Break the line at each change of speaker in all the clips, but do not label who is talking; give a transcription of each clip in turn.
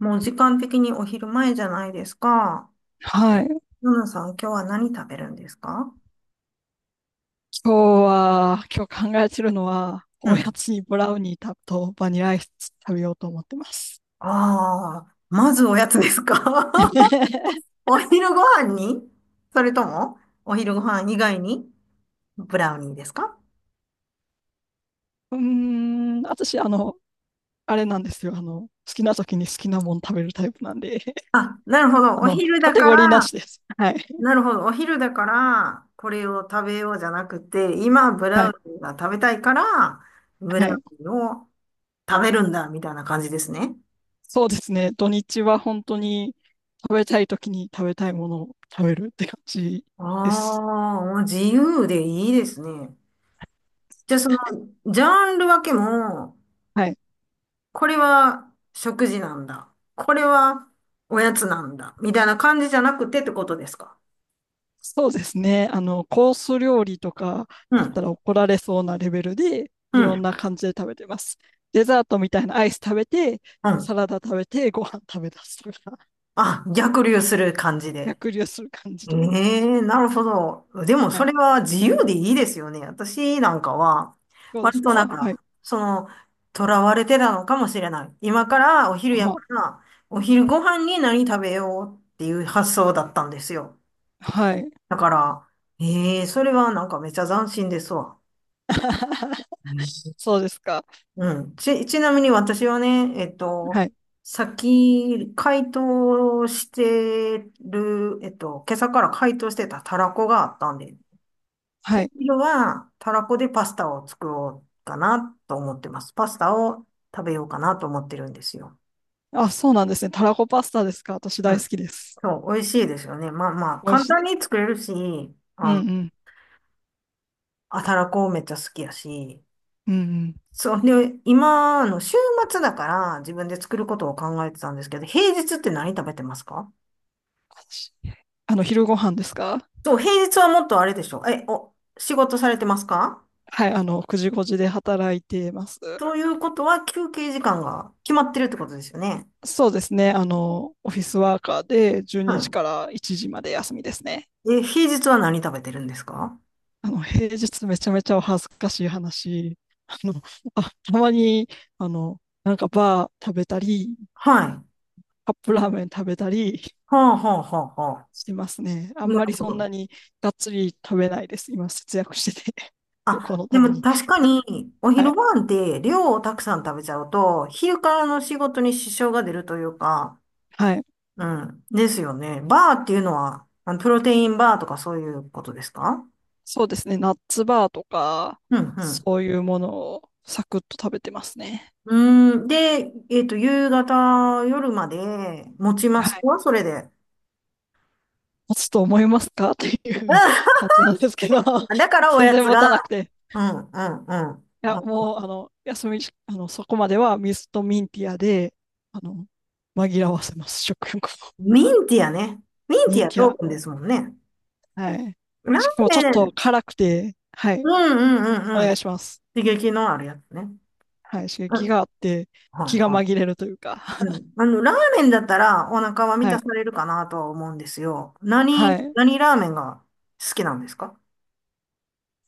もう時間的にお昼前じゃないですか。
はい。今
ナナさん、今日は何食べるんですか？
日は、今日考えてるのは、
う
おや
ん。
つにブラウニーとバニラアイス食べようと思ってます。
ああ、まずおやつですか？ お昼ご飯に、それとも、お昼ご飯以外にブラウニーですか？
うーん、私、あれなんですよ。好きな時に好きなもん食べるタイプなんで、
あ、なるほど。お昼
カ
だ
テ
か
ゴリーな
ら、
しです。はい。
なるほど。お昼だから、これを食べようじゃなくて、今、ブ
は
ラウ
い。
ニーが食べたいから、ブラ
は
ウ
い。
ニーを食べるんだ、みたいな感じですね。
そうですね。土日は本当に食べたい時に食べたいものを食べるって感じです。
ああ、もう自由でいいですね。じゃあその、ジャンル分けも、
はい。
これは食事なんだ、これはおやつなんだ、みたいな感じじゃなくてってことですか？
そうですね。コース料理とか
う
だった
ん、
ら怒られそうなレベルで、
う
いろん
ん、
な感じで食べてます。デザートみたいなアイス食べて、
う
サ
ん。
ラダ食べて、ご飯食べ出すとか、
あ、逆流する感じで。
逆流する感じ
え
で。
え、なるほど。でも
は
そ
い。
れは自由でいいですよね。私なんかは、
どうで
割
す
となん
か？はい。
か、その、囚われてたのかもしれない。今からお昼や
は
から、お昼ご飯に何食べようっていう発想だったんですよ。
はい。
だから、ええ、それはなんかめっちゃ斬新ですわ。うん、
そうですか。
うん。ちなみに私はね、
はい。
先、解凍してる、今朝から解凍してたたらこがあったんで、
は
お
い。
昼はたらこでパスタを作ろうかなと思ってます。パスタを食べようかなと思ってるんですよ。
あ、そうなんですね。たらこパスタですか？私
う
大好
ん。
きです。
そう、美味しいですよね。まあまあ、
美味
簡
しい
単
です。
に作れるし、
うん
あ
う
の、
ん。
あ、たらこめっちゃ好きやし、
うんうん。
そう。で、今の週末だから自分で作ることを考えてたんですけど、平日って何食べてますか？
私、昼ご飯ですか？
そう、平日はもっとあれでしょ。仕事されてますか？
はい。9時5時で働いてます。
ということは休憩時間が決まってるってことですよね。
そうですね。オフィスワーカーで12
は
時から1時まで休みですね。
い。え、平日は何食べてるんですか？
平日めちゃめちゃお恥ずかしい話。あの、たまに、なんかバー食べたり、
はい。は
カップラーメン食べたり
あ、はあ、はあ、はあ。
してますね。あん
な
まり
るほ
そんな
ど。
にがっつり食べないです。今、節約してて 旅行
あ、
の
で
ため
も
に。
確かにお
は
昼
い。
ご飯って量をたくさん食べちゃうと、昼からの仕事に支障が出るというか、
はい。
うん。ですよね。バーっていうのは、あのプロテインバーとかそういうことですか？
そうですね。ナッツバーとか、
うん、
そういうものをサクッと食べてますね。
うん。うーん。で、夕方、夜まで持ちま
は
す
い。
か、それで。
持つと思いますかっていう感 じなんですけど、
うん、だからお
全
や
然
つ
持たな
が、
くて。
うん、うん、うん。
いや、
うん、
もう、休みし、そこまでは水とミンティアで、あの、紛らわせます、食欲を。
ミンティアね。ミン
ミ
テ
ン
ィア
ティ
ト
ア。
ークンですもんね。
はい。
ラ
しかもちょ
ー
っ
メ
と
ン。
辛くて、は
う
い。
ん、うん、う
お
ん、う
願い
ん。
します。
刺激のあるやつね。
はい。刺
う
激
ん。
があって、
はい、
気が
は
紛
い。
れるというか。
うん。あの、ラーメンだったらお腹は満
は
たさ
い。
れるかなとは思うんですよ。何、
はい。
何ラーメンが好きなんですか？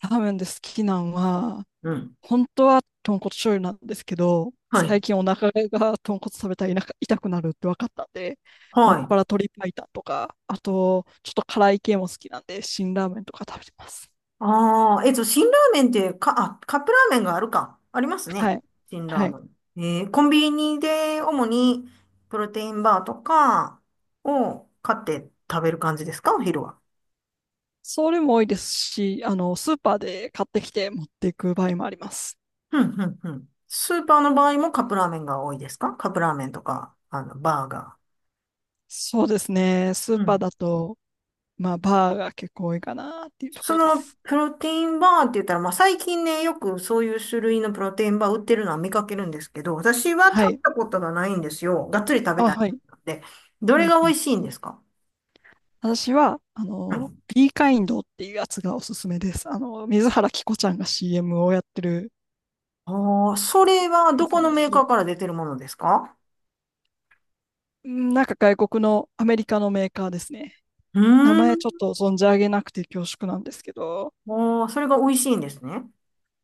ラーメンで好きなんは、
うん。
本当は豚骨醤油なんですけど、
は
最
い。
近お腹が豚骨食べたら痛くなるって分かったんで、も
は
っ
い。
ぱら鶏白湯とか、あと、ちょっと辛い系も好きなんで、辛ラーメンとか食べてます。
ああ、辛ラーメンって、カップラーメンがあるか。ありますね。
はい。
辛ラ
は
ー
い。
メン。コンビニで主にプロテインバーとかを買って食べる感じですか、お昼は。
それも多いですし、スーパーで買ってきて持っていく場合もあります。
うん、うん、うん。スーパーの場合もカップラーメンが多いですか？カップラーメンとか、あの、バーガ
そうですね。ス
ー。
ー
う
パー
ん、
だと、まあ、バーが結構多いかなっていうとこ
そ
ろで
の
す。
プロテインバーって言ったら、まあ最近ね、よくそういう種類のプロテインバー売ってるのは見かけるんですけど、私は
は
食べ
い。
たことがないんですよ。がっつり食べ
あ、
たい
はい。
ので。ど
う
れ
ん
が
う
美
ん。
味しいんですか？
私は、
はい、
ビーカインドっていうやつがおすすめです。水原希子ちゃんが CM をやってる
ああ、それは
や
ど
つ
こ
なん
の
です
メー
け
カー
ど、
から出てるものですか？
うん。なんか外国のアメリカのメーカーですね。
う
名
ー
前ちょっ
ん。
と存じ上げなくて恐縮なんですけど、
ああ、それが美味しいんですね。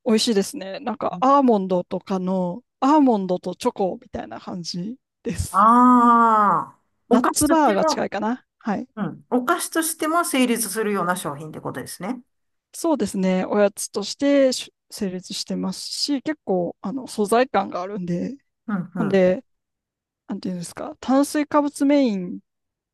美味しいですね。なんかアーモンドとチョコみたいな感じです。
ああ、お
ナッ
菓子
ツ
とし
バ
て
ーが近
も、
いかな。はい。
うん、お菓子としても成立するような商品ってことですね。
そうですね。おやつとして成立してますし、結構、素材感があるんで、
うん、う
ほん
ん。
で、なんていうんですか、炭水化物メイン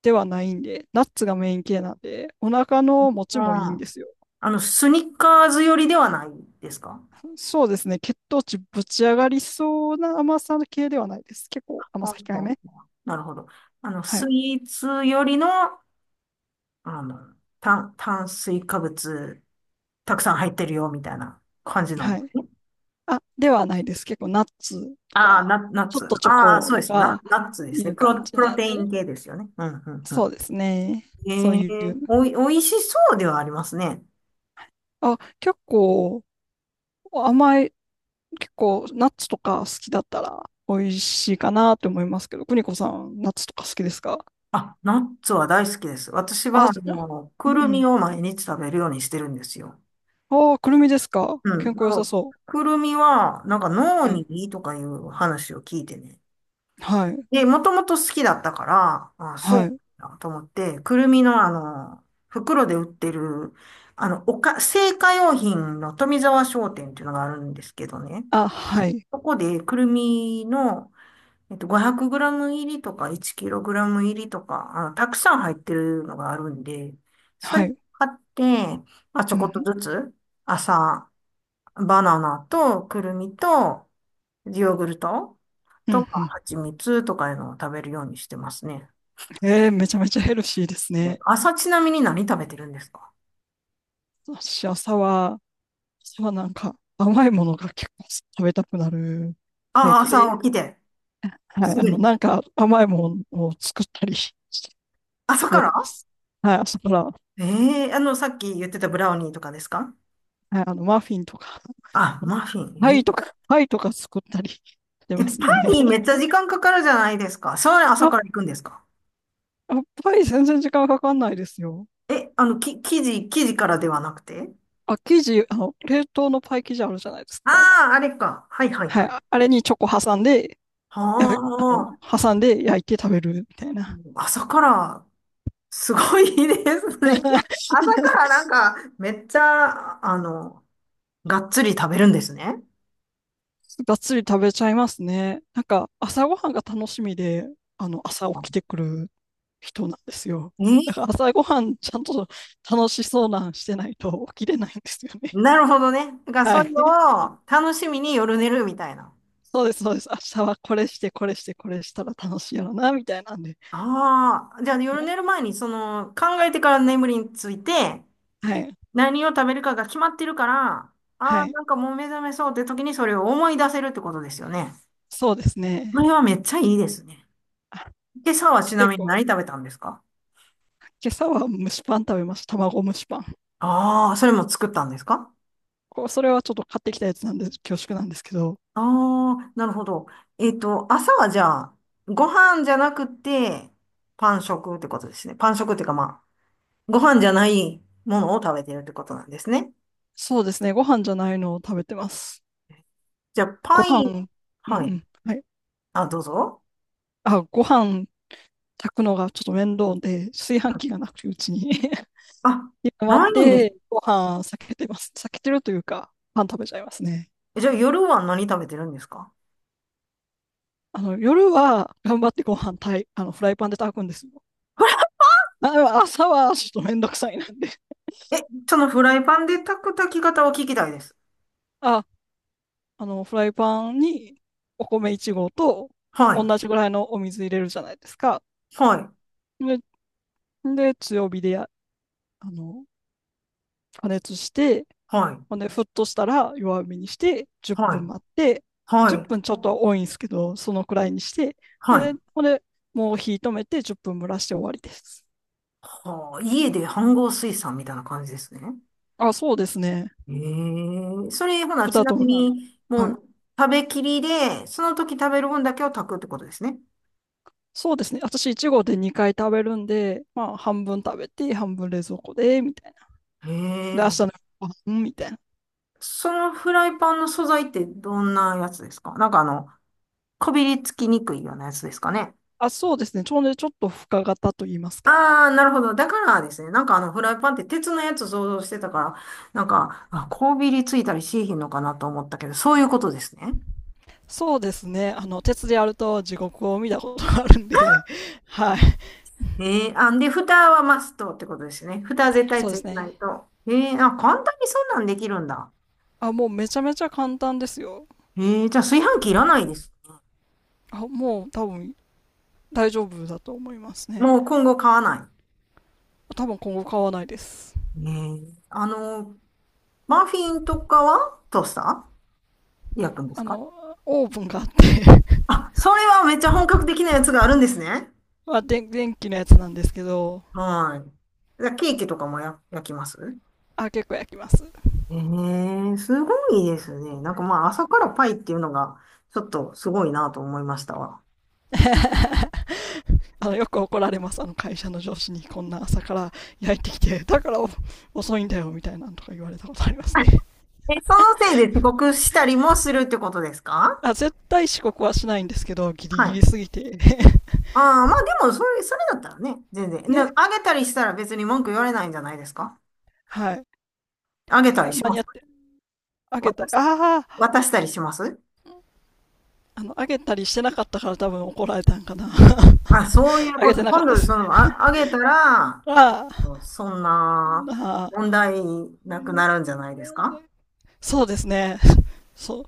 ではないんで、ナッツがメイン系なんで、お腹の持
あ
ちもいいん
あ、
ですよ。
あの、スニッカーズ寄りではないですか？
そうですね、血糖値ぶち上がりそうな甘さ系ではないです。結
は
構
あ、
甘
は
さ
あ、
控え
は
め。
あ、なるほど。あの、
は
ス
い。
イーツよりの、あの、炭水化物、たくさん入ってるよ、みたいな感じなん
は
で
い。
すね。
あ、ではないです。結構ナッツと
ああ、
か、
ナ、ナッ
ちょっ
ツ。
とチョ
ああ、
コ
そう
と
ですね。ナ、
か
ナッツで
い
すね。
う
プロ、
感じ
プロ
なん
テイ
で、
ン系ですよね。うん、うん、う
そ
ん。
うですね。そう
え
い
え、
う。
おいしそうではありますね。
あ、甘い、結構ナッツとか好きだったら美味しいかなって思いますけど、邦子さん、ナッツとか好きですか？
あ、ナッツは大好きです。私は、
あ、
あ
じゃ、
の、
う
く
ん
る
う
み
ん。
を毎日食べるようにしてるんですよ。
ああ、くるみですか？
う
健
ん。
康
あ
良さ
の、
そ
くるみは、なんか
う。
脳
はい。
にいいとかいう話を聞いてね。
はい。
で、もともと好きだったから、あ、そ
は
う
い。
だと思って、くるみのあの、袋で売ってる、あの、製菓用品の富沢商店っていうのがあるんですけどね。
あ、はい。
そこでくるみの、500グラム入りとか1キログラム入りとか、あの、たくさん入ってるのがあるんで、それ
はい。
買って、まあ、ちょ
う
こっと
ん。
ずつ、朝、バナナとくるみと、ヨーグルト
う
と
ん。
か
うん。
蜂蜜とかいうのを食べるようにしてますね。
めちゃめちゃヘルシーですね。
朝ちなみに何食べてるんですか？
私、朝はなんか甘いものが結構食べたくなるタイ
ああ、
プで、
朝起きて、
はい。
すぐに。
なんか甘いものを作ったり 食
朝か
べて
ら？
ます。はい。朝から、はい。
えあの、さっき言ってたブラウニーとかですか？
マフィンとか、
あ、マフ
パ
ィ
イと
ン。
か、パイとか作ったり して
ええ、
ます
パ
ね。
ンにめっちゃ 時間かかるじゃないですか。それ朝
あ、
から行くんですか？
パイ全然時間かかんないですよ。
え、あの、き、生地、生地からではなくて、
あ、冷凍のパイ生地あるじゃないですか。
ああー、あれか。はい、はい、
は
は
い。
い。
あれにチョコ挟んで、
は
や、あの、
あ、
挟んで焼いて食べるみたいな。
朝からすごいですね。朝からなんか、めっちゃ、あの、がっつり食べるんですね。
がっつり食べちゃいますね。なんか、朝ごはんが楽しみで、朝起きてくる人なんですよ。
え
だか
ー
ら朝ごはんちゃんと楽しそうなんしてないと起きれないんですよね。
なるほどね。だから
は
それ
い。
を楽しみに夜寝るみたいな。
そうです、そうです。明日はこれして、これして、これしたら楽しいやろな、みたいなんで。
ああ、じゃあ夜
は
寝
い。
る前にその考えてから眠りについて、
はい。
何を食べるかが決まってるから、あ
は
あ、
い。
なんかもう目覚めそうって時にそれを思い出せるってことですよね。
そうですね。
これはめっちゃいいですね。
あ、
今朝はちな
結
みに
構。
何食べたんですか？
今朝は蒸しパン食べました。卵蒸しパン。
ああー、それも作ったんですか？
それはちょっと買ってきたやつなんで恐縮なんですけど、
ああ、なるほど。朝はじゃあ、ご飯じゃなくて、パン食ってことですね。パン食っていうかまあ、ご飯じゃないものを食べてるってことなんですね。
そうですね、ご飯じゃないのを食べてます。
じゃあ、
ご
パ
飯、
イン、
うんう
はい。
ん、はい。
あ、どうぞ。
あ、ご飯炊くのがちょっと面倒で、炊飯器がなくてうちに
あ、
今まっ
ないんです。
て、ご飯避けてます。避けてるというか、パン食べちゃいますね。
え、じゃあ、夜は何食べてるんですか？
夜は頑張ってご飯炊い、フライパンで炊くんですよ。あ、でも朝はちょっと面倒くさいなんで。
え、そのフライパンで炊く炊き方を聞きたいです。
あフライパンにお米1合と
はい。
同じぐらいのお水入れるじゃないですか。
はい。
で、で強火でや、あの、加熱して、
はい。
ほんで、沸騰したら弱火にして、10
は
分
い。
待って、
は
10
い。
分ちょっとは多いんですけど、そのくらいにして、
は
で、
い。
ほんで、もう火止めて10分蒸らして終わりです。
はあ、家で飯盒炊さんみたいな感じですね。
あ、そうですね。
ええ、それ、ほな、
ふ
ち
た
な
と
み
もなみ。
に、も
はい。
う、食べきりで、その時食べる分だけを炊くってことですね。
そうですね。私、1合で2回食べるんで、まあ、半分食べて、半分冷蔵庫で、みたいな。
え
で、明日の
え、
ご飯みたいな。
そのフライパンの素材ってどんなやつですか？なんかあの、こびりつきにくいようなやつですかね。
あ、そうですね。ちょうどちょっと深型と言いますか。
ああ、なるほど。だからですね、なんかあの、フライパンって鉄のやつ想像してたから、なんか、あ、こびりついたりしなひんのかなと思ったけど、そういうことですね。
そうですね。鉄でやると地獄を見たことがあるんで、はい。
ええ、あ、で、蓋はマストってことですね。蓋は絶対
そう
つ
で
い
す
てな
ね。
いと。ええ、あ、簡単にそんなんできるんだ。
あ、もうめちゃめちゃ簡単ですよ。
えー、じゃあ炊飯器いらないです。
あ、もう多分大丈夫だと思いますね。
もう今後買わな
多分今後買わないです。
い。えー、あの、マフィンとかはトースター焼くんです
あ
か？
の、オーブンがあって
あ、それはめっちゃ本格的なやつがあるんですね。
まあ、電気のやつなんですけど、
はい。じゃあケーキとかも、焼きます？
あ、結構焼きます。
えー、すごいですね。なんかまあ朝からパイっていうのがちょっとすごいなと思いましたわ。
よく怒られます、あの会社の上司にこんな朝から焼いてきて、だから遅いんだよみたいなのとか言われたことあります
あ、え、
ね。
そのせいで遅刻したりもするってことですか？
あ絶対遅刻はしないんですけど、ギリ
はい。
ギリ
あ
すぎて
あ、まあでもそれ、それだったらね、全然。ね、
ね、
あげたりしたら別に文句言われないんじゃないですか？
はい。
あげたり
だ
し
間
ま
に合
す？
って、あげた
渡
り、
し、
ああ、
渡したりします？
あげたりしてなかったから多分怒られたんかな
あ、そうい う
あ
こ
げ
と。
てなかっ
今
たで
度、
す。
その、あ、あげたら、
ああ、
そんな
なあ、
問題なくなるんじゃないですか？
そうですね。そう、